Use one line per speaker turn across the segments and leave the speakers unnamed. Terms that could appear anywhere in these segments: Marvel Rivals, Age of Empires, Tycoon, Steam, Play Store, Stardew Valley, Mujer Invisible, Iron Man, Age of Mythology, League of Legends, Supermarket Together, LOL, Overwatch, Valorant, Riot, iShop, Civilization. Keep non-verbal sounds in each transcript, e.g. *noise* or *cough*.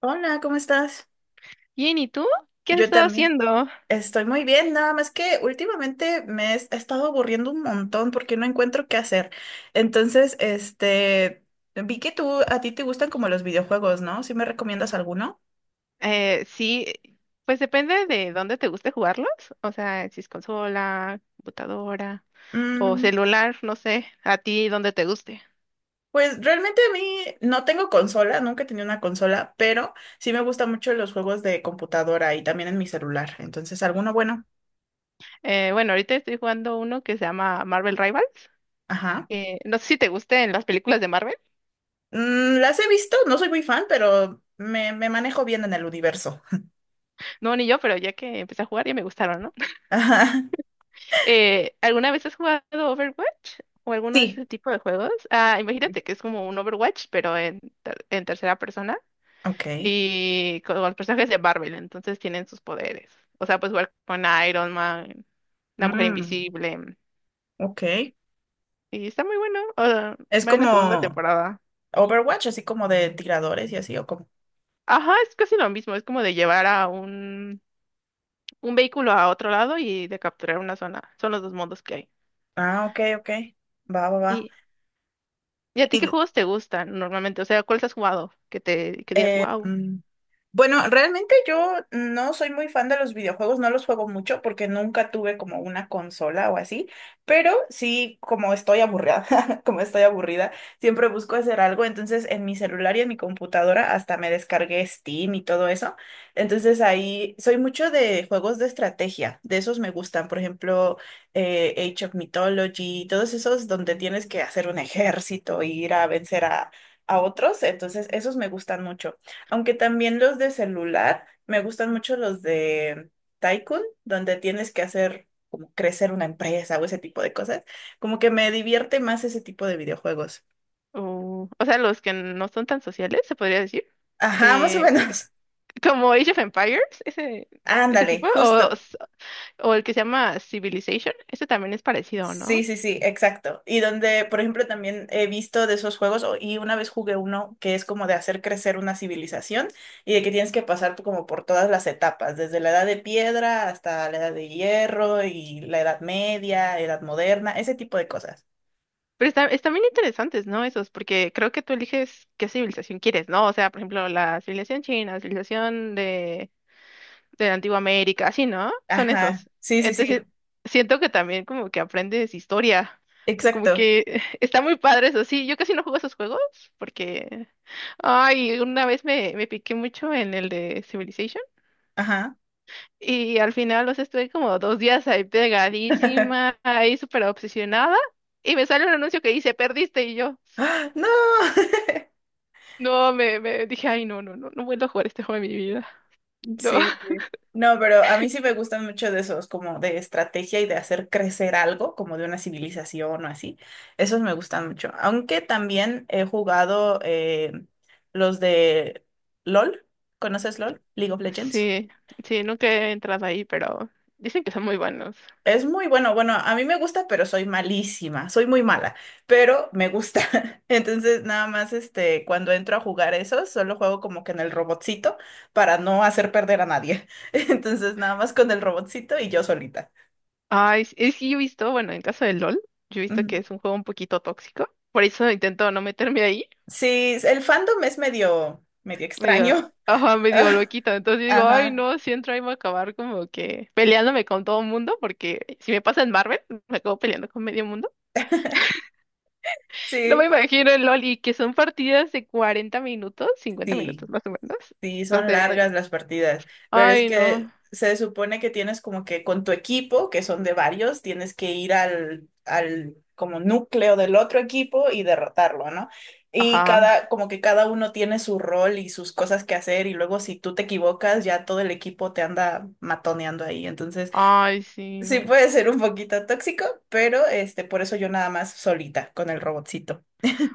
Hola, ¿cómo estás?
Bien, ¿y tú? ¿Qué has
Yo
estado
también.
haciendo?
Estoy muy bien, nada más que últimamente me he estado aburriendo un montón porque no encuentro qué hacer. Entonces, este, vi que tú, a ti te gustan como los videojuegos, ¿no? ¿Sí me recomiendas alguno?
Sí, pues depende de dónde te guste jugarlos. O sea, si es consola, computadora o
Mm,
celular, no sé, a ti dónde te guste.
pues realmente a mí no tengo consola, nunca he tenido una consola, pero sí me gustan mucho los juegos de computadora y también en mi celular. Entonces, alguno bueno.
Bueno, ahorita estoy jugando uno que se llama Marvel Rivals,
Ajá.
que no sé si te gusten las películas de Marvel.
Mm, las he visto, no soy muy fan, pero me manejo bien en el universo.
No, ni yo, pero ya que empecé a jugar ya me gustaron, ¿no? *laughs*
*laughs* Ajá.
¿Alguna vez has jugado Overwatch o alguno de
Sí,
ese tipo de juegos? Ah, imagínate que es como un Overwatch, pero en tercera persona,
ok.
y con los personajes de Marvel, entonces tienen sus poderes. O sea, pues igual con Iron Man, la Mujer
Mm,
Invisible,
ok.
y está muy bueno. O sea,
Es
va en la segunda
como
temporada.
Overwatch, así como de tiradores y así, o como.
Ajá, es casi lo mismo, es como de llevar a un vehículo a otro lado y de capturar una zona. Son los dos modos que hay.
Ah, ok, ok. Va, va, va.
¿Y, y a ti qué
Y,
juegos te gustan normalmente? O sea, ¿cuáles has jugado? Que te que digas,
eh,
wow.
mm, bueno, realmente yo no soy muy fan de los videojuegos, no los juego mucho porque nunca tuve como una consola o así, pero sí, como estoy aburrida, *laughs* como estoy aburrida, siempre busco hacer algo, entonces en mi celular y en mi computadora hasta me descargué Steam y todo eso, entonces ahí soy mucho de juegos de estrategia, de esos me gustan, por ejemplo, Age of Mythology, todos esos donde tienes que hacer un ejército e ir a vencer a otros, entonces esos me gustan mucho. Aunque también los de celular, me gustan mucho los de Tycoon, donde tienes que hacer como crecer una empresa o ese tipo de cosas. Como que me divierte más ese tipo de videojuegos.
O sea, los que no son tan sociales, se podría decir.
Ajá, más o
Eh,
menos.
Como Age of Empires, ese,
*laughs*
ese
Ándale,
tipo. O
justo.
O el que se llama Civilization. Ese también es parecido,
Sí,
¿no?
sí, sí, exacto. Y donde, por ejemplo, también he visto de esos juegos, y una vez jugué uno que es como de hacer crecer una civilización y de que tienes que como por todas las etapas, desde la edad de piedra hasta la edad de hierro y la edad media, edad moderna, ese tipo de cosas.
Pero están bien interesantes, ¿no? Esos, porque creo que tú eliges qué civilización quieres, ¿no? O sea, por ejemplo, la civilización china, la civilización de la antigua América, así, ¿no? Son
Ajá,
esos.
sí, sí, sí,
Entonces, siento que también como que aprendes historia. Como
exacto.
que *laughs* está muy padre eso, sí. Yo casi no juego esos juegos porque, ay, una vez me piqué mucho en el de Civilization.
Ajá.
Y al final, los sea, estuve como 2 días ahí
*laughs*
pegadísima, ahí súper obsesionada. Y me sale un anuncio que dice, perdiste. Y yo,
¡Ah! ¡No! *laughs*
no, me dije, ay, no, no, no, no vuelvo a jugar este juego en mi vida. No.
Sí,
*laughs*
sí. No, pero a mí sí me gustan mucho de esos, como de estrategia y de hacer crecer algo, como de una civilización o así. Esos me gustan mucho. Aunque también he jugado los de LOL. ¿Conoces LOL? League of Legends.
Sí, sí, nunca he entrado ahí, pero dicen que son muy buenos.
Es muy bueno, bueno, a mí me gusta, pero soy malísima, soy muy mala, pero me gusta. *laughs* Entonces, nada más, este, cuando entro a jugar eso, solo juego como que en el robotcito para no hacer perder a nadie. *laughs* Entonces, nada más con el robotcito y yo solita.
Ay, es que yo he visto, bueno, en caso del LOL, yo he visto que
Ujú.
es un juego un poquito tóxico. Por eso intento no meterme ahí.
Sí, el fandom es medio, medio
Medio,
extraño.
ajá, medio
*laughs*
loquito. Entonces digo, ay,
Ajá,
no, si entro ahí voy a acabar como que peleándome con todo el mundo, porque si me pasa en Marvel, me acabo peleando con medio mundo. *laughs* No
sí,
me imagino en LOL y que son partidas de 40 minutos, 50 minutos
sí.
más o menos.
Sí,
Las
son
de,
largas las partidas, pero es
ay,
que
no,
se supone que tienes como que con tu equipo, que son de varios, tienes que ir al como núcleo del otro equipo y derrotarlo, ¿no? Y
ajá,
cada, como que cada uno tiene su rol y sus cosas que hacer, y luego si tú te equivocas, ya todo el equipo te anda matoneando ahí. Entonces,
ay, sí,
sí
no.
puede ser un poquito tóxico, pero este, por eso yo nada más solita con el robotcito.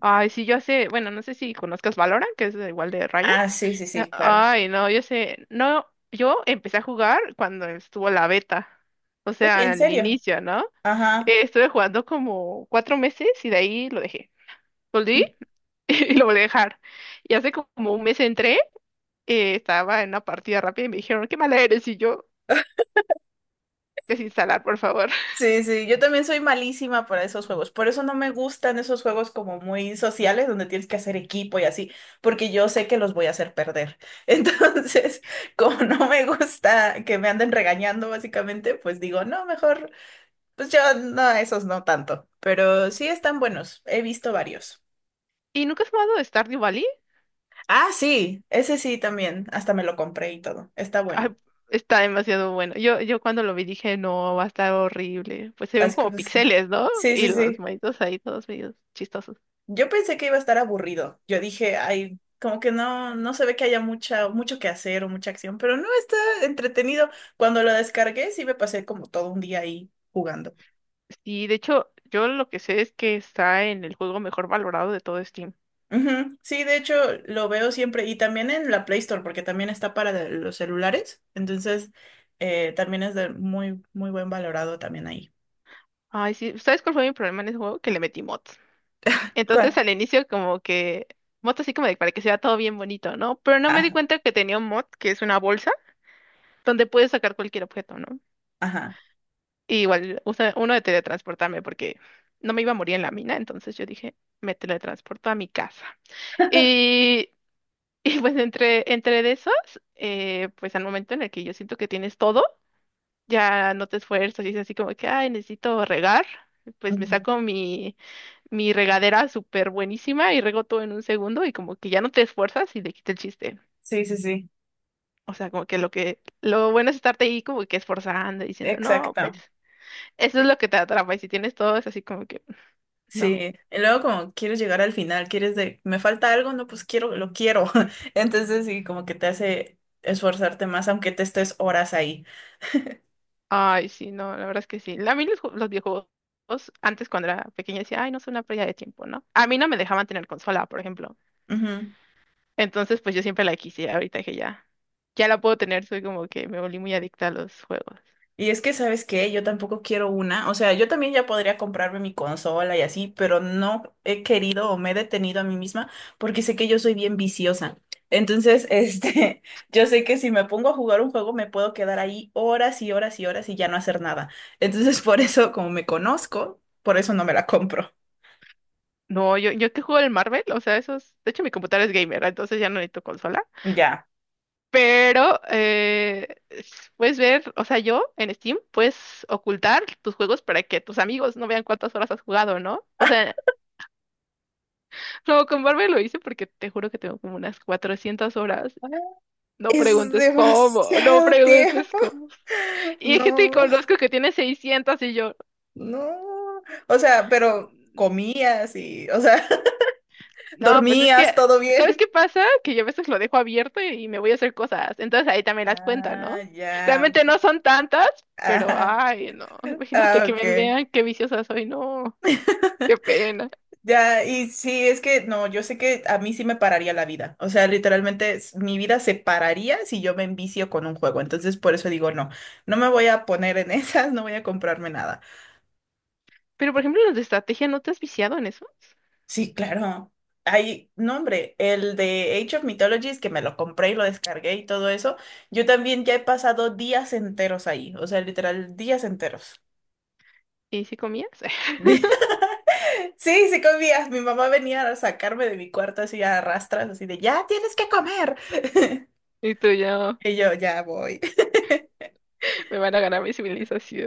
Ay, sí, yo sé, bueno, no sé si conozcas Valorant, que es igual de Riot.
Ah, sí, sí, sí, claro.
Ay, no, yo sé, no, yo empecé a jugar cuando estuvo la beta, o
Uy,
sea,
¿en
al
serio?
inicio, ¿no?
Ajá.
Estuve jugando como 4 meses y de ahí lo dejé. Volví *laughs* y lo volví a dejar. Y hace como un mes entré, estaba en una partida rápida y me dijeron, qué mala eres, y yo, desinstalar, por favor. *laughs*
Sí, sí, yo también soy malísima para esos juegos. Por eso no me gustan esos juegos como muy sociales, donde tienes que hacer equipo y así, porque yo sé que los voy a hacer perder. *laughs* Entonces, como no me gusta que me anden regañando, básicamente, pues digo, no, mejor, pues yo no, esos no tanto. Pero sí están buenos, he visto varios.
¿Y nunca has jugado Stardew Valley?
Ah, sí, ese sí también, hasta me lo compré y todo, está bueno.
Ah, está demasiado bueno. Yo cuando lo vi dije, no, va a estar horrible. Pues se ven
Así que
como
pues, sí,
píxeles, ¿no?
sí, sí.
Y los
sí.
monitos ahí todos medio chistosos.
Yo pensé que iba a estar aburrido. Yo dije, ay, como que no, no se ve que haya mucha, mucho que hacer o mucha acción, pero no está entretenido. Cuando lo descargué, sí me pasé como todo un día ahí jugando.
Sí, de hecho, yo lo que sé es que está en el juego mejor valorado de todo Steam.
Ujú, sí, de hecho, lo veo siempre y también en la Play Store, porque también está para los celulares. Entonces, también es de muy, muy buen valorado también ahí.
Ay, sí, ¿sabes cuál fue mi problema en ese juego? Que le metí mods. Entonces
¿Cuál?
al inicio como que mod así como de para que se vea todo bien bonito, ¿no? Pero no me di
Ah,
cuenta que tenía un mod que es una bolsa donde puedes sacar cualquier objeto, ¿no?
ajá.
Y igual usa uno de teletransportarme porque no me iba a morir en la mina, entonces yo dije, me teletransporto a mi casa.
*laughs*
Y, *laughs* y pues entre de esos, pues al momento en el que yo siento que tienes todo, ya no te esfuerzas y es así como que, ay, necesito regar, pues me
Ujú.
saco mi regadera súper buenísima y rego todo en un segundo y como que ya no te esfuerzas y le quita el chiste.
Sí, sí, sí.
O sea, como que lo bueno es estarte ahí como que esforzando, diciendo, no, pues,
Exacto.
eso es lo que te atrapa. Y si tienes todo, es así como que, no.
Sí, y luego como quieres llegar al final, quieres de, me falta algo, no, pues quiero, lo quiero. *laughs* Entonces sí, como que te hace esforzarte más, aunque te estés horas ahí.
Ay, sí, no, la verdad es que sí. A mí los videojuegos, antes cuando era pequeña decía, ay, no, es una pérdida de tiempo, ¿no? A mí no me dejaban tener consola, por ejemplo.
Ujú.
Entonces, pues yo siempre la quise, ahorita que ya. Ya la puedo tener, soy como que me volví muy adicta a los juegos.
Y es que, ¿sabes qué? Yo tampoco quiero una. O sea, yo también ya podría comprarme mi consola y así, pero no he querido o me he detenido a mí misma porque sé que yo soy bien viciosa. Entonces, *laughs* este, yo sé que si me pongo a jugar un juego me puedo quedar ahí horas y horas y horas y ya no hacer nada. Entonces, *laughs* por eso, como me conozco, por eso no me la compro.
No, yo que juego el Marvel, o sea, eso es, de hecho mi computadora es gamer, entonces ya no necesito consola,
Ya.
pero puedes ver, o sea, yo en Steam puedes ocultar tus juegos para que tus amigos no vean cuántas horas has jugado, ¿no? O sea, no, con Marvel lo hice porque te juro que tengo como unas 400 horas, no
Es
preguntes cómo, no
demasiado
preguntes
tiempo.
cómo.
*laughs*
Y hay gente que
No,
conozco que tiene 600 y yo...
no. O sea, pero comías y, o sea, *laughs*
No, pues es
dormías,
que,
todo
¿sabes
bien.
qué pasa? Que yo a veces lo dejo abierto y me voy a hacer cosas. Entonces ahí también las cuenta, ¿no?
Ah, ya, ok.
Realmente no son tantas, pero
Ah,
ay, no. *laughs* Imagínate
ah,
que me
ok.
vean qué viciosa soy, no. Qué pena.
Ya, y sí, es que no, yo sé que a mí sí me pararía la vida. O sea, literalmente mi vida se pararía si yo me envicio con un juego. Entonces, por eso digo, no, no me voy a poner en *laughs* esas, no voy a comprarme nada.
Pero por ejemplo, los de estrategia, ¿no te has viciado en esos?
Sí, claro. Hay, no, hombre, el de Age of Mythologies que me lo compré y lo descargué y todo eso, yo también ya he pasado días enteros ahí, o sea, literal, días enteros.
¿Y si comías? *laughs*
*laughs* Sí, sí comías. Mi mamá venía a sacarme de mi cuarto así a rastras, así de, ya tienes que comer.
Y tú ya
Y yo, ya voy. *laughs*
me van a ganar mi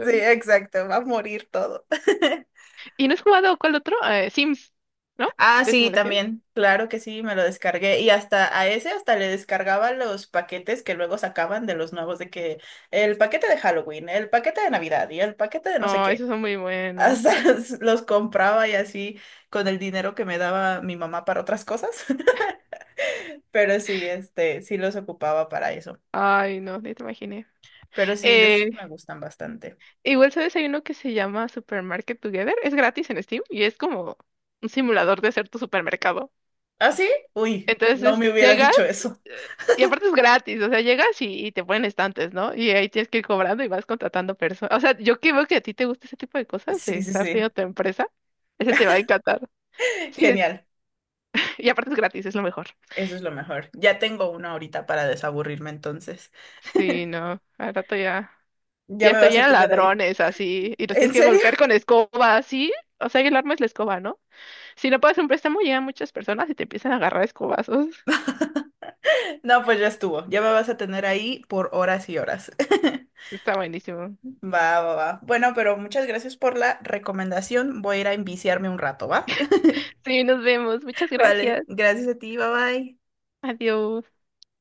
Sí, exacto, va a morir todo. *laughs*
¿Y no has jugado cuál otro? Sims, ¿no?
Ah,
De
sí,
simulación.
también, claro que sí, me lo descargué. Y hasta a ese hasta le descargaba los paquetes que luego sacaban de los nuevos, de que el paquete de Halloween, el paquete de Navidad y el paquete de no sé
Oh,
qué.
esos son muy buenos.
Hasta *laughs* los compraba y así con el dinero que me daba mi mamá para otras cosas. *laughs* Pero sí, este, sí los ocupaba para eso.
Ay, no, ni te imaginé.
Pero sí, de esos
Eh,
me gustan bastante.
Igual, ¿sabes? Hay uno que se llama Supermarket Together. Es gratis en Steam y es como un simulador de ser tu supermercado.
¿Ah, sí? Uy, no
Entonces
me hubieras
llegas
dicho eso.
eh, y aparte es gratis. O sea, llegas y te ponen estantes, ¿no? Y ahí tienes que ir cobrando y vas contratando personas. O sea, yo que veo que a ti te gusta ese tipo de cosas, de
Sí, sí,
estar
sí.
teniendo tu empresa, ese te va a encantar. Sí,
Genial.
y aparte es gratis, es lo mejor.
Eso es lo mejor. Ya tengo uno ahorita para desaburrirme entonces.
Sí, no. Al rato ya.
Ya
Ya
me
estoy
vas a
llena de
tener ahí.
ladrones así y los tienes
¿En
que
serio?
golpear con escoba, así. O sea, y el arma es la escoba, ¿no? Si no pagas un préstamo, llegan muchas personas y te empiezan a agarrar a escobazos.
*laughs* No, pues ya estuvo. Ya me vas a tener ahí por horas y horas. *laughs*
*laughs* Está buenísimo.
Va, va, va. Bueno, pero muchas gracias por la recomendación. Voy a ir a enviciarme un rato, ¿va? *laughs*
Sí, nos vemos. Muchas
Vale,
gracias.
gracias a ti, bye bye.
Adiós.